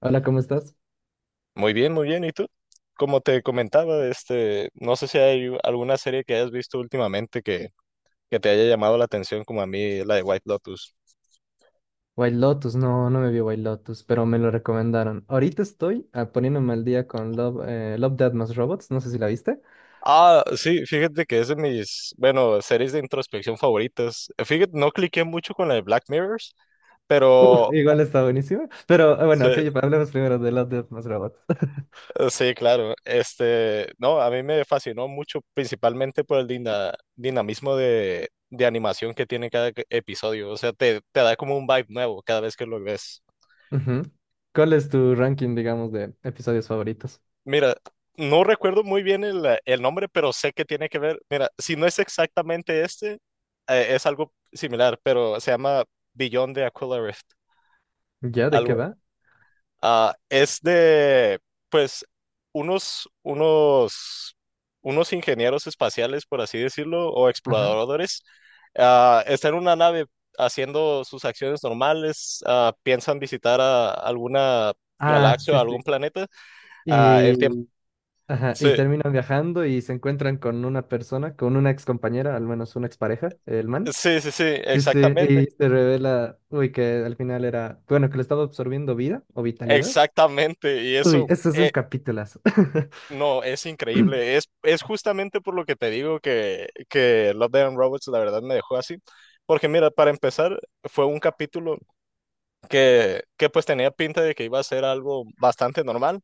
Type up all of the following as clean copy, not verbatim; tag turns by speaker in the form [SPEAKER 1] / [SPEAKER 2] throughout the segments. [SPEAKER 1] Hola, ¿cómo estás?
[SPEAKER 2] Muy bien, muy bien. ¿Y tú? Como te comentaba, no sé si hay alguna serie que hayas visto últimamente que te haya llamado la atención, como a mí, la de White Lotus.
[SPEAKER 1] White Lotus, no, no me vi White Lotus, pero me lo recomendaron. Ahorita estoy poniéndome al día con Love, Death Más Robots, no sé si la viste.
[SPEAKER 2] Ah, sí, fíjate que es de bueno, series de introspección favoritas. Fíjate, no cliqué mucho con la de Black Mirrors,
[SPEAKER 1] Uf,
[SPEAKER 2] pero
[SPEAKER 1] igual está buenísima. Pero
[SPEAKER 2] sí,
[SPEAKER 1] bueno, ok, hablemos primero de Love, Death Más Robots.
[SPEAKER 2] sí, claro. No, a mí me fascinó mucho, principalmente por el dinamismo de animación que tiene cada episodio. O sea, te da como un vibe nuevo cada vez que lo ves.
[SPEAKER 1] Ujú. ¿Cuál es tu ranking, digamos, de episodios favoritos?
[SPEAKER 2] Mira, no recuerdo muy bien el nombre, pero sé que tiene que ver. Mira, si no es exactamente este, es algo similar, pero se llama Beyond de Aquila Rift.
[SPEAKER 1] ¿Ya? ¿De qué
[SPEAKER 2] Algo,
[SPEAKER 1] va?
[SPEAKER 2] ah, es de, pues, unos, unos, unos ingenieros espaciales, por así decirlo, o
[SPEAKER 1] Ajá.
[SPEAKER 2] exploradores. Ah, están en una nave haciendo sus acciones normales. Ah, piensan visitar a alguna
[SPEAKER 1] Ah,
[SPEAKER 2] galaxia o
[SPEAKER 1] sí,
[SPEAKER 2] algún
[SPEAKER 1] sí.
[SPEAKER 2] planeta, ah, en tiempo.
[SPEAKER 1] Y, ajá, y terminan viajando y se encuentran con una persona, con una ex compañera, al menos una expareja, el man.
[SPEAKER 2] Sí, sí, sí,
[SPEAKER 1] Sí, sí,
[SPEAKER 2] exactamente,
[SPEAKER 1] y se revela, uy, que al final era, bueno, que le estaba absorbiendo vida o vitalidad.
[SPEAKER 2] exactamente. Y
[SPEAKER 1] Uy,
[SPEAKER 2] eso,
[SPEAKER 1] eso es un capitulazo.
[SPEAKER 2] no, es increíble. Es justamente por lo que te digo que Love, Death and Robots la verdad me dejó así. Porque mira, para empezar, fue un capítulo que pues tenía pinta de que iba a ser algo bastante normal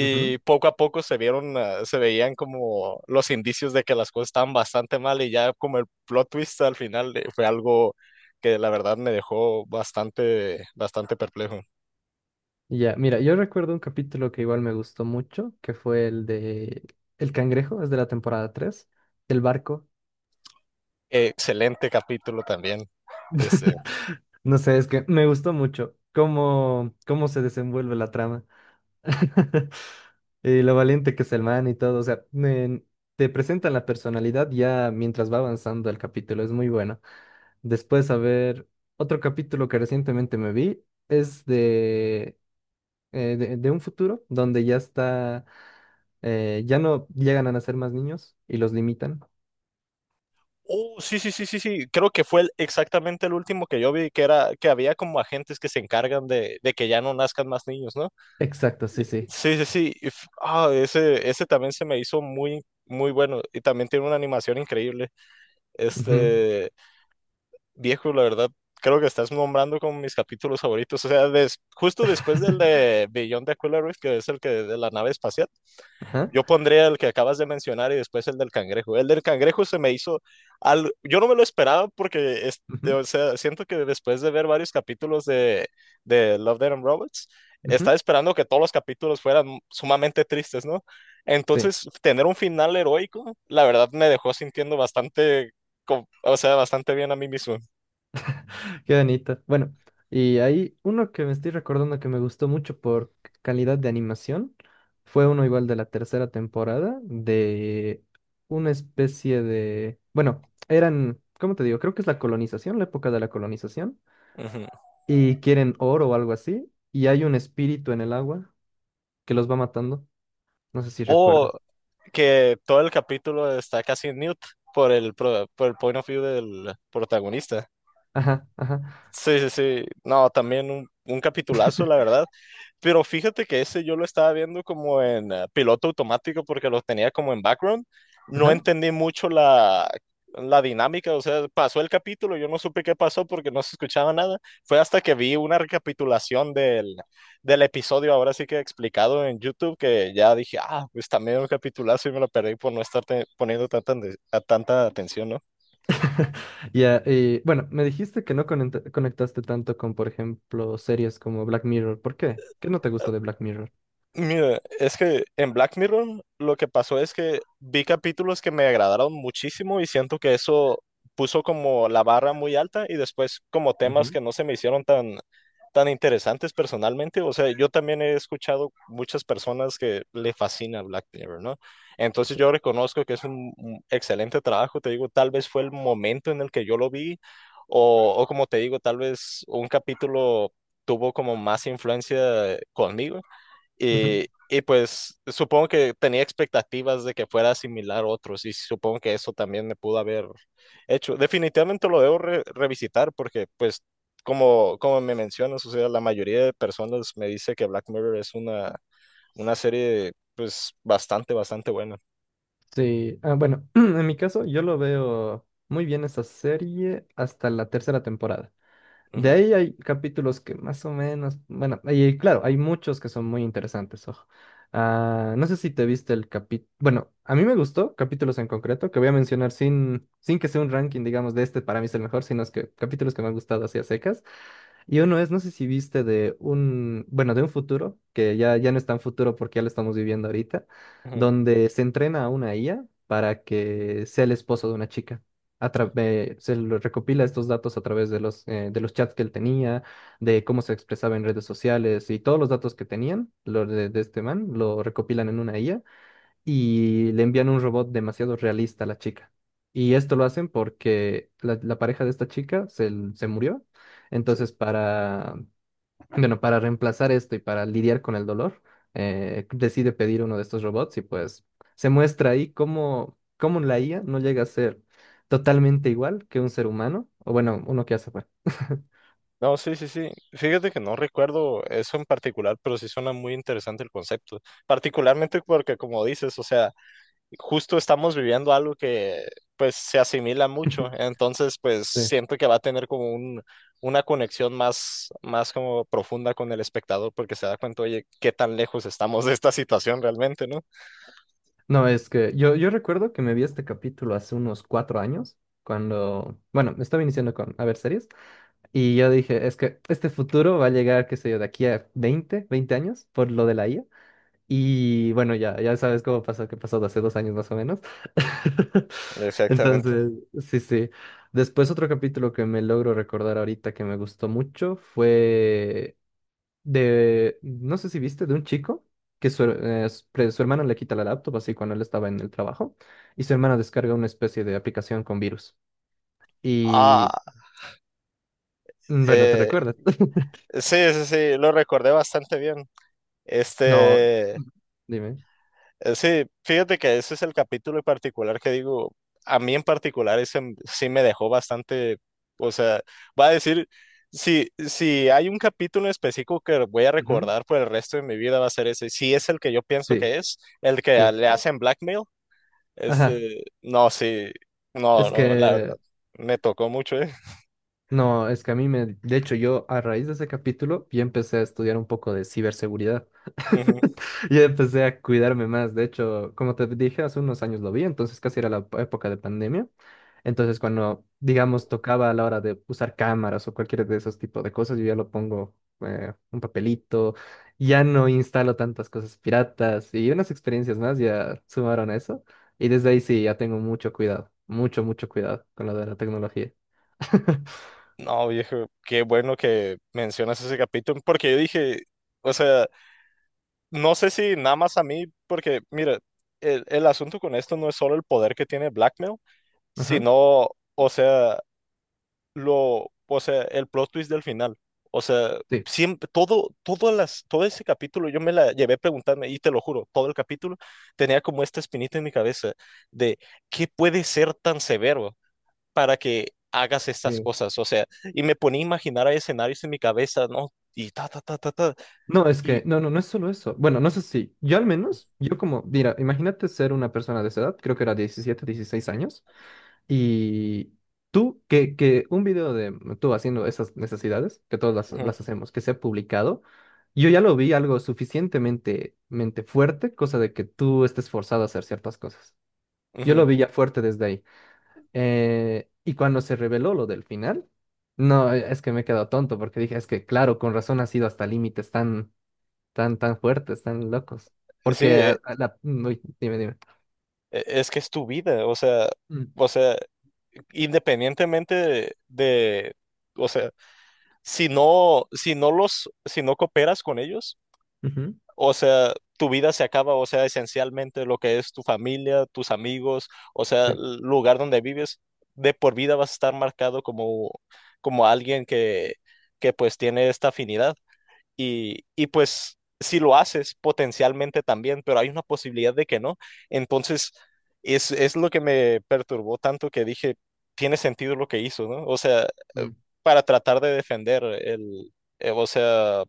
[SPEAKER 1] Ujú.
[SPEAKER 2] poco a poco se veían como los indicios de que las cosas estaban bastante mal, y ya como el plot twist al final, fue algo que la verdad me dejó bastante, bastante perplejo.
[SPEAKER 1] Y ya, mira, yo recuerdo un capítulo que igual me gustó mucho, que fue el de El Cangrejo, es de la temporada 3 del barco.
[SPEAKER 2] Excelente capítulo también. Este,
[SPEAKER 1] No sé, es que me gustó mucho cómo se desenvuelve la trama. Y lo valiente que es el man y todo. O sea, te presentan la personalidad ya mientras va avanzando el capítulo. Es muy bueno. Después, a ver, otro capítulo que recientemente me vi es de un futuro donde ya está, ya no llegan a nacer más niños y los limitan.
[SPEAKER 2] oh, sí, sí, sí, sí, sí. Creo que fue exactamente el último que yo vi, que era que había como agentes que se encargan de que ya no nazcan más niños, ¿no?
[SPEAKER 1] Exacto, sí, sí.
[SPEAKER 2] Sí, sí, sí. Ese, ese también se me hizo muy, muy bueno. Y también tiene una animación increíble.
[SPEAKER 1] Ujú.
[SPEAKER 2] Este, viejo, la verdad, creo que estás nombrando como mis capítulos favoritos. O sea, justo después del de Beyond the Aquila Rift, que es el que de la nave espacial.
[SPEAKER 1] Ajá.
[SPEAKER 2] Yo pondría el que acabas de mencionar y después el del cangrejo. El del cangrejo se me hizo al... Yo no me lo esperaba porque, o sea, siento que después de ver varios capítulos de Love, Death and Robots,
[SPEAKER 1] Ujú,
[SPEAKER 2] estaba
[SPEAKER 1] ujú,
[SPEAKER 2] esperando que todos los capítulos fueran sumamente tristes, ¿no?
[SPEAKER 1] sí.
[SPEAKER 2] Entonces, tener un final heroico, la verdad me dejó sintiendo bastante, o sea, bastante bien a mí mismo.
[SPEAKER 1] Qué bonito. Bueno, y hay uno que me estoy recordando que me gustó mucho por calidad de animación. Fue uno igual de la tercera temporada, de una especie de... Bueno, eran, ¿cómo te digo? Creo que es la colonización, la época de la colonización.
[SPEAKER 2] Ujú.
[SPEAKER 1] Y quieren oro o algo así. Y hay un espíritu en el agua que los va matando. No sé si
[SPEAKER 2] O
[SPEAKER 1] recuerdas.
[SPEAKER 2] que todo el capítulo está casi en mute por el point of view del protagonista.
[SPEAKER 1] Ajá, ajá,
[SPEAKER 2] Sí, sí, sí. No, también un capitulazo, la verdad. Pero fíjate que ese yo lo estaba viendo como en piloto automático, porque lo tenía como en background. No
[SPEAKER 1] ajá.
[SPEAKER 2] entendí mucho la dinámica. O sea, pasó el capítulo, yo no supe qué pasó porque no se escuchaba nada. Fue hasta que vi una recapitulación del episodio, ahora sí que explicado en YouTube, que ya dije, ah, pues también un capitulazo, y me lo perdí por no estar poniendo tanta, a tanta atención, ¿no?
[SPEAKER 1] Ya, bueno, me dijiste que no conectaste tanto con, por ejemplo, series como Black Mirror. ¿Por qué? ¿Qué no te gustó de Black Mirror?
[SPEAKER 2] Mira, es que en Black Mirror lo que pasó es que vi capítulos que me agradaron muchísimo, y siento que eso puso como la barra muy alta, y después como temas
[SPEAKER 1] Ujú,
[SPEAKER 2] que no se me hicieron tan, tan interesantes personalmente. O sea, yo también he escuchado muchas personas que le fascina Black Mirror, ¿no? Entonces
[SPEAKER 1] sí,
[SPEAKER 2] yo reconozco que es un excelente trabajo. Te digo, tal vez fue el momento en el que yo lo vi, o como te digo, tal vez un capítulo tuvo como más influencia conmigo.
[SPEAKER 1] ujú.
[SPEAKER 2] Y pues supongo que tenía expectativas de que fuera similar a otros, y supongo que eso también me pudo haber hecho. Definitivamente lo debo revisitar, porque pues como, como me mencionas, o sea, la mayoría de personas me dice que Black Mirror es una serie pues bastante, bastante buena.
[SPEAKER 1] Sí, ah, bueno, en mi caso yo lo veo muy bien esa serie hasta la tercera temporada. De
[SPEAKER 2] Ujú,
[SPEAKER 1] ahí hay capítulos que más o menos, bueno, y claro, hay muchos que son muy interesantes, ojo. Ah, no sé si te viste el capítulo, bueno, a mí me gustó capítulos en concreto que voy a mencionar sin que sea un ranking, digamos, de este para mí es el mejor, sino es que capítulos que me han gustado así a secas. Y uno es, no sé si viste de un, bueno, de un futuro, que ya no es tan futuro porque ya lo estamos viviendo ahorita,
[SPEAKER 2] ujú.
[SPEAKER 1] donde se entrena a una IA para que sea el esposo de una chica. Se lo recopila estos datos a través de los chats que él tenía, de cómo se expresaba en redes sociales y todos los datos que tenían, los de este man, lo recopilan en una IA y le envían un robot demasiado realista a la chica. Y esto lo hacen porque la pareja de esta chica se murió. Entonces, para, bueno, para reemplazar esto y para lidiar con el dolor, decide pedir uno de estos robots y pues se muestra ahí cómo la IA no llega a ser totalmente igual que un ser humano, o bueno, uno que hace fue.
[SPEAKER 2] No, sí, sí, sí. Fíjate que no recuerdo eso en particular, pero sí suena muy interesante el concepto. Particularmente porque como dices, o sea, justo estamos viviendo algo que pues se asimila mucho, entonces pues
[SPEAKER 1] Sí.
[SPEAKER 2] siento que va a tener como una conexión más, más como profunda con el espectador, porque se da cuenta, oye, qué tan lejos estamos de esta situación realmente, ¿no?
[SPEAKER 1] No, es que yo recuerdo que me vi este capítulo hace unos 4 años, cuando, bueno, estaba iniciando con a ver series, y yo dije, es que este futuro va a llegar, qué sé yo, de aquí a veinte años por lo de la IA. Y bueno, ya sabes cómo pasó, que pasó de hace 2 años más o menos.
[SPEAKER 2] Exactamente.
[SPEAKER 1] Entonces, sí, sí. Después otro capítulo que me logro recordar ahorita que me gustó mucho fue de, no sé si viste, de un chico que su hermano le quita la laptop así cuando él estaba en el trabajo y su hermano descarga una especie de aplicación con virus.
[SPEAKER 2] Ah,
[SPEAKER 1] Y bueno, ¿te
[SPEAKER 2] eh,
[SPEAKER 1] recuerdas?
[SPEAKER 2] sí, sí, sí, lo recordé bastante bien.
[SPEAKER 1] No,
[SPEAKER 2] Este,
[SPEAKER 1] dime.
[SPEAKER 2] eh, sí, fíjate que ese es el capítulo en particular que digo, a mí en particular ese sí me dejó bastante, o sea, va a decir, si hay un capítulo específico que voy a
[SPEAKER 1] Ujú.
[SPEAKER 2] recordar por el resto de mi vida va a ser ese, si es el que yo pienso
[SPEAKER 1] Sí,
[SPEAKER 2] que es, el que
[SPEAKER 1] sí.
[SPEAKER 2] le hacen blackmail,
[SPEAKER 1] Ajá.
[SPEAKER 2] este, no, sí, no,
[SPEAKER 1] Es
[SPEAKER 2] no, la verdad,
[SPEAKER 1] que,
[SPEAKER 2] me tocó mucho, ¿eh?
[SPEAKER 1] No, es que a mí me, de hecho, yo a raíz de ese capítulo ya empecé a estudiar un poco de ciberseguridad.
[SPEAKER 2] Ujú.
[SPEAKER 1] Ya empecé a cuidarme más. De hecho, como te dije, hace unos años lo vi, entonces casi era la época de pandemia. Entonces, cuando, digamos, tocaba a la hora de usar cámaras o cualquier de esos tipos de cosas, yo ya lo pongo un papelito, ya no instalo tantas cosas piratas y unas experiencias más ya sumaron a eso. Y desde ahí sí, ya tengo mucho cuidado, mucho, mucho cuidado con lo de la tecnología.
[SPEAKER 2] No, viejo, qué bueno que mencionas ese capítulo, porque yo dije, o sea... No sé si nada más a mí, porque mira, el asunto con esto no es solo el poder que tiene Blackmail,
[SPEAKER 1] Ajá,
[SPEAKER 2] sino, o sea, lo, o sea, el plot twist del final. O sea,
[SPEAKER 1] sí,
[SPEAKER 2] siempre, todo ese capítulo, yo me la llevé preguntando, y te lo juro, todo el capítulo tenía como esta espinita en mi cabeza de qué puede ser tan severo para que hagas estas
[SPEAKER 1] sí.
[SPEAKER 2] cosas. O sea, y me ponía a imaginar a escenarios en mi cabeza, ¿no? Y ta, ta, ta, ta, ta.
[SPEAKER 1] No, es
[SPEAKER 2] Y,
[SPEAKER 1] que, no, no, no es solo eso. Bueno, no sé si, yo al menos, yo como, mira, imagínate ser una persona de esa edad, creo que era 17 16 años, y tú, que un video de tú haciendo esas necesidades, que todas las,
[SPEAKER 2] ujú,
[SPEAKER 1] las hacemos, que sea publicado, yo ya lo vi algo suficientemente mente fuerte, cosa de que tú estés forzado a hacer ciertas cosas. Yo
[SPEAKER 2] ujú.
[SPEAKER 1] lo vi ya fuerte desde ahí. Y cuando se reveló lo del final, no, es que me he quedado tonto porque dije, es que claro, con razón ha sido hasta límites tan, tan, tan fuertes, tan locos. Porque
[SPEAKER 2] Sí,
[SPEAKER 1] Uy, dime, dime.
[SPEAKER 2] es que es tu vida,
[SPEAKER 1] Mm,
[SPEAKER 2] o sea, independientemente o sea, si no, si no si no cooperas con ellos,
[SPEAKER 1] ujú,
[SPEAKER 2] o sea, tu vida se acaba, o sea, esencialmente lo que es tu familia, tus amigos, o sea,
[SPEAKER 1] sí.
[SPEAKER 2] el lugar donde vives, de por vida vas a estar marcado como, como alguien que pues tiene esta afinidad, y pues si lo haces potencialmente también, pero hay una posibilidad de que no. Entonces, es lo que me perturbó tanto que dije, tiene sentido lo que hizo, ¿no? O sea, eh,
[SPEAKER 1] Mm,
[SPEAKER 2] para tratar de defender o sea,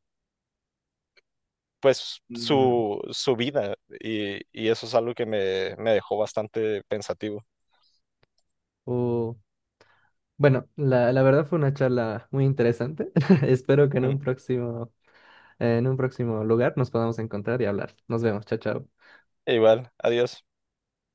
[SPEAKER 1] mm,
[SPEAKER 2] su vida, y eso es algo que me dejó bastante pensativo.
[SPEAKER 1] oh, bueno, la verdad fue una charla muy interesante. Espero que en
[SPEAKER 2] Mm.
[SPEAKER 1] un próximo lugar nos podamos encontrar y hablar. Nos vemos, chao, chao.
[SPEAKER 2] Igual, adiós.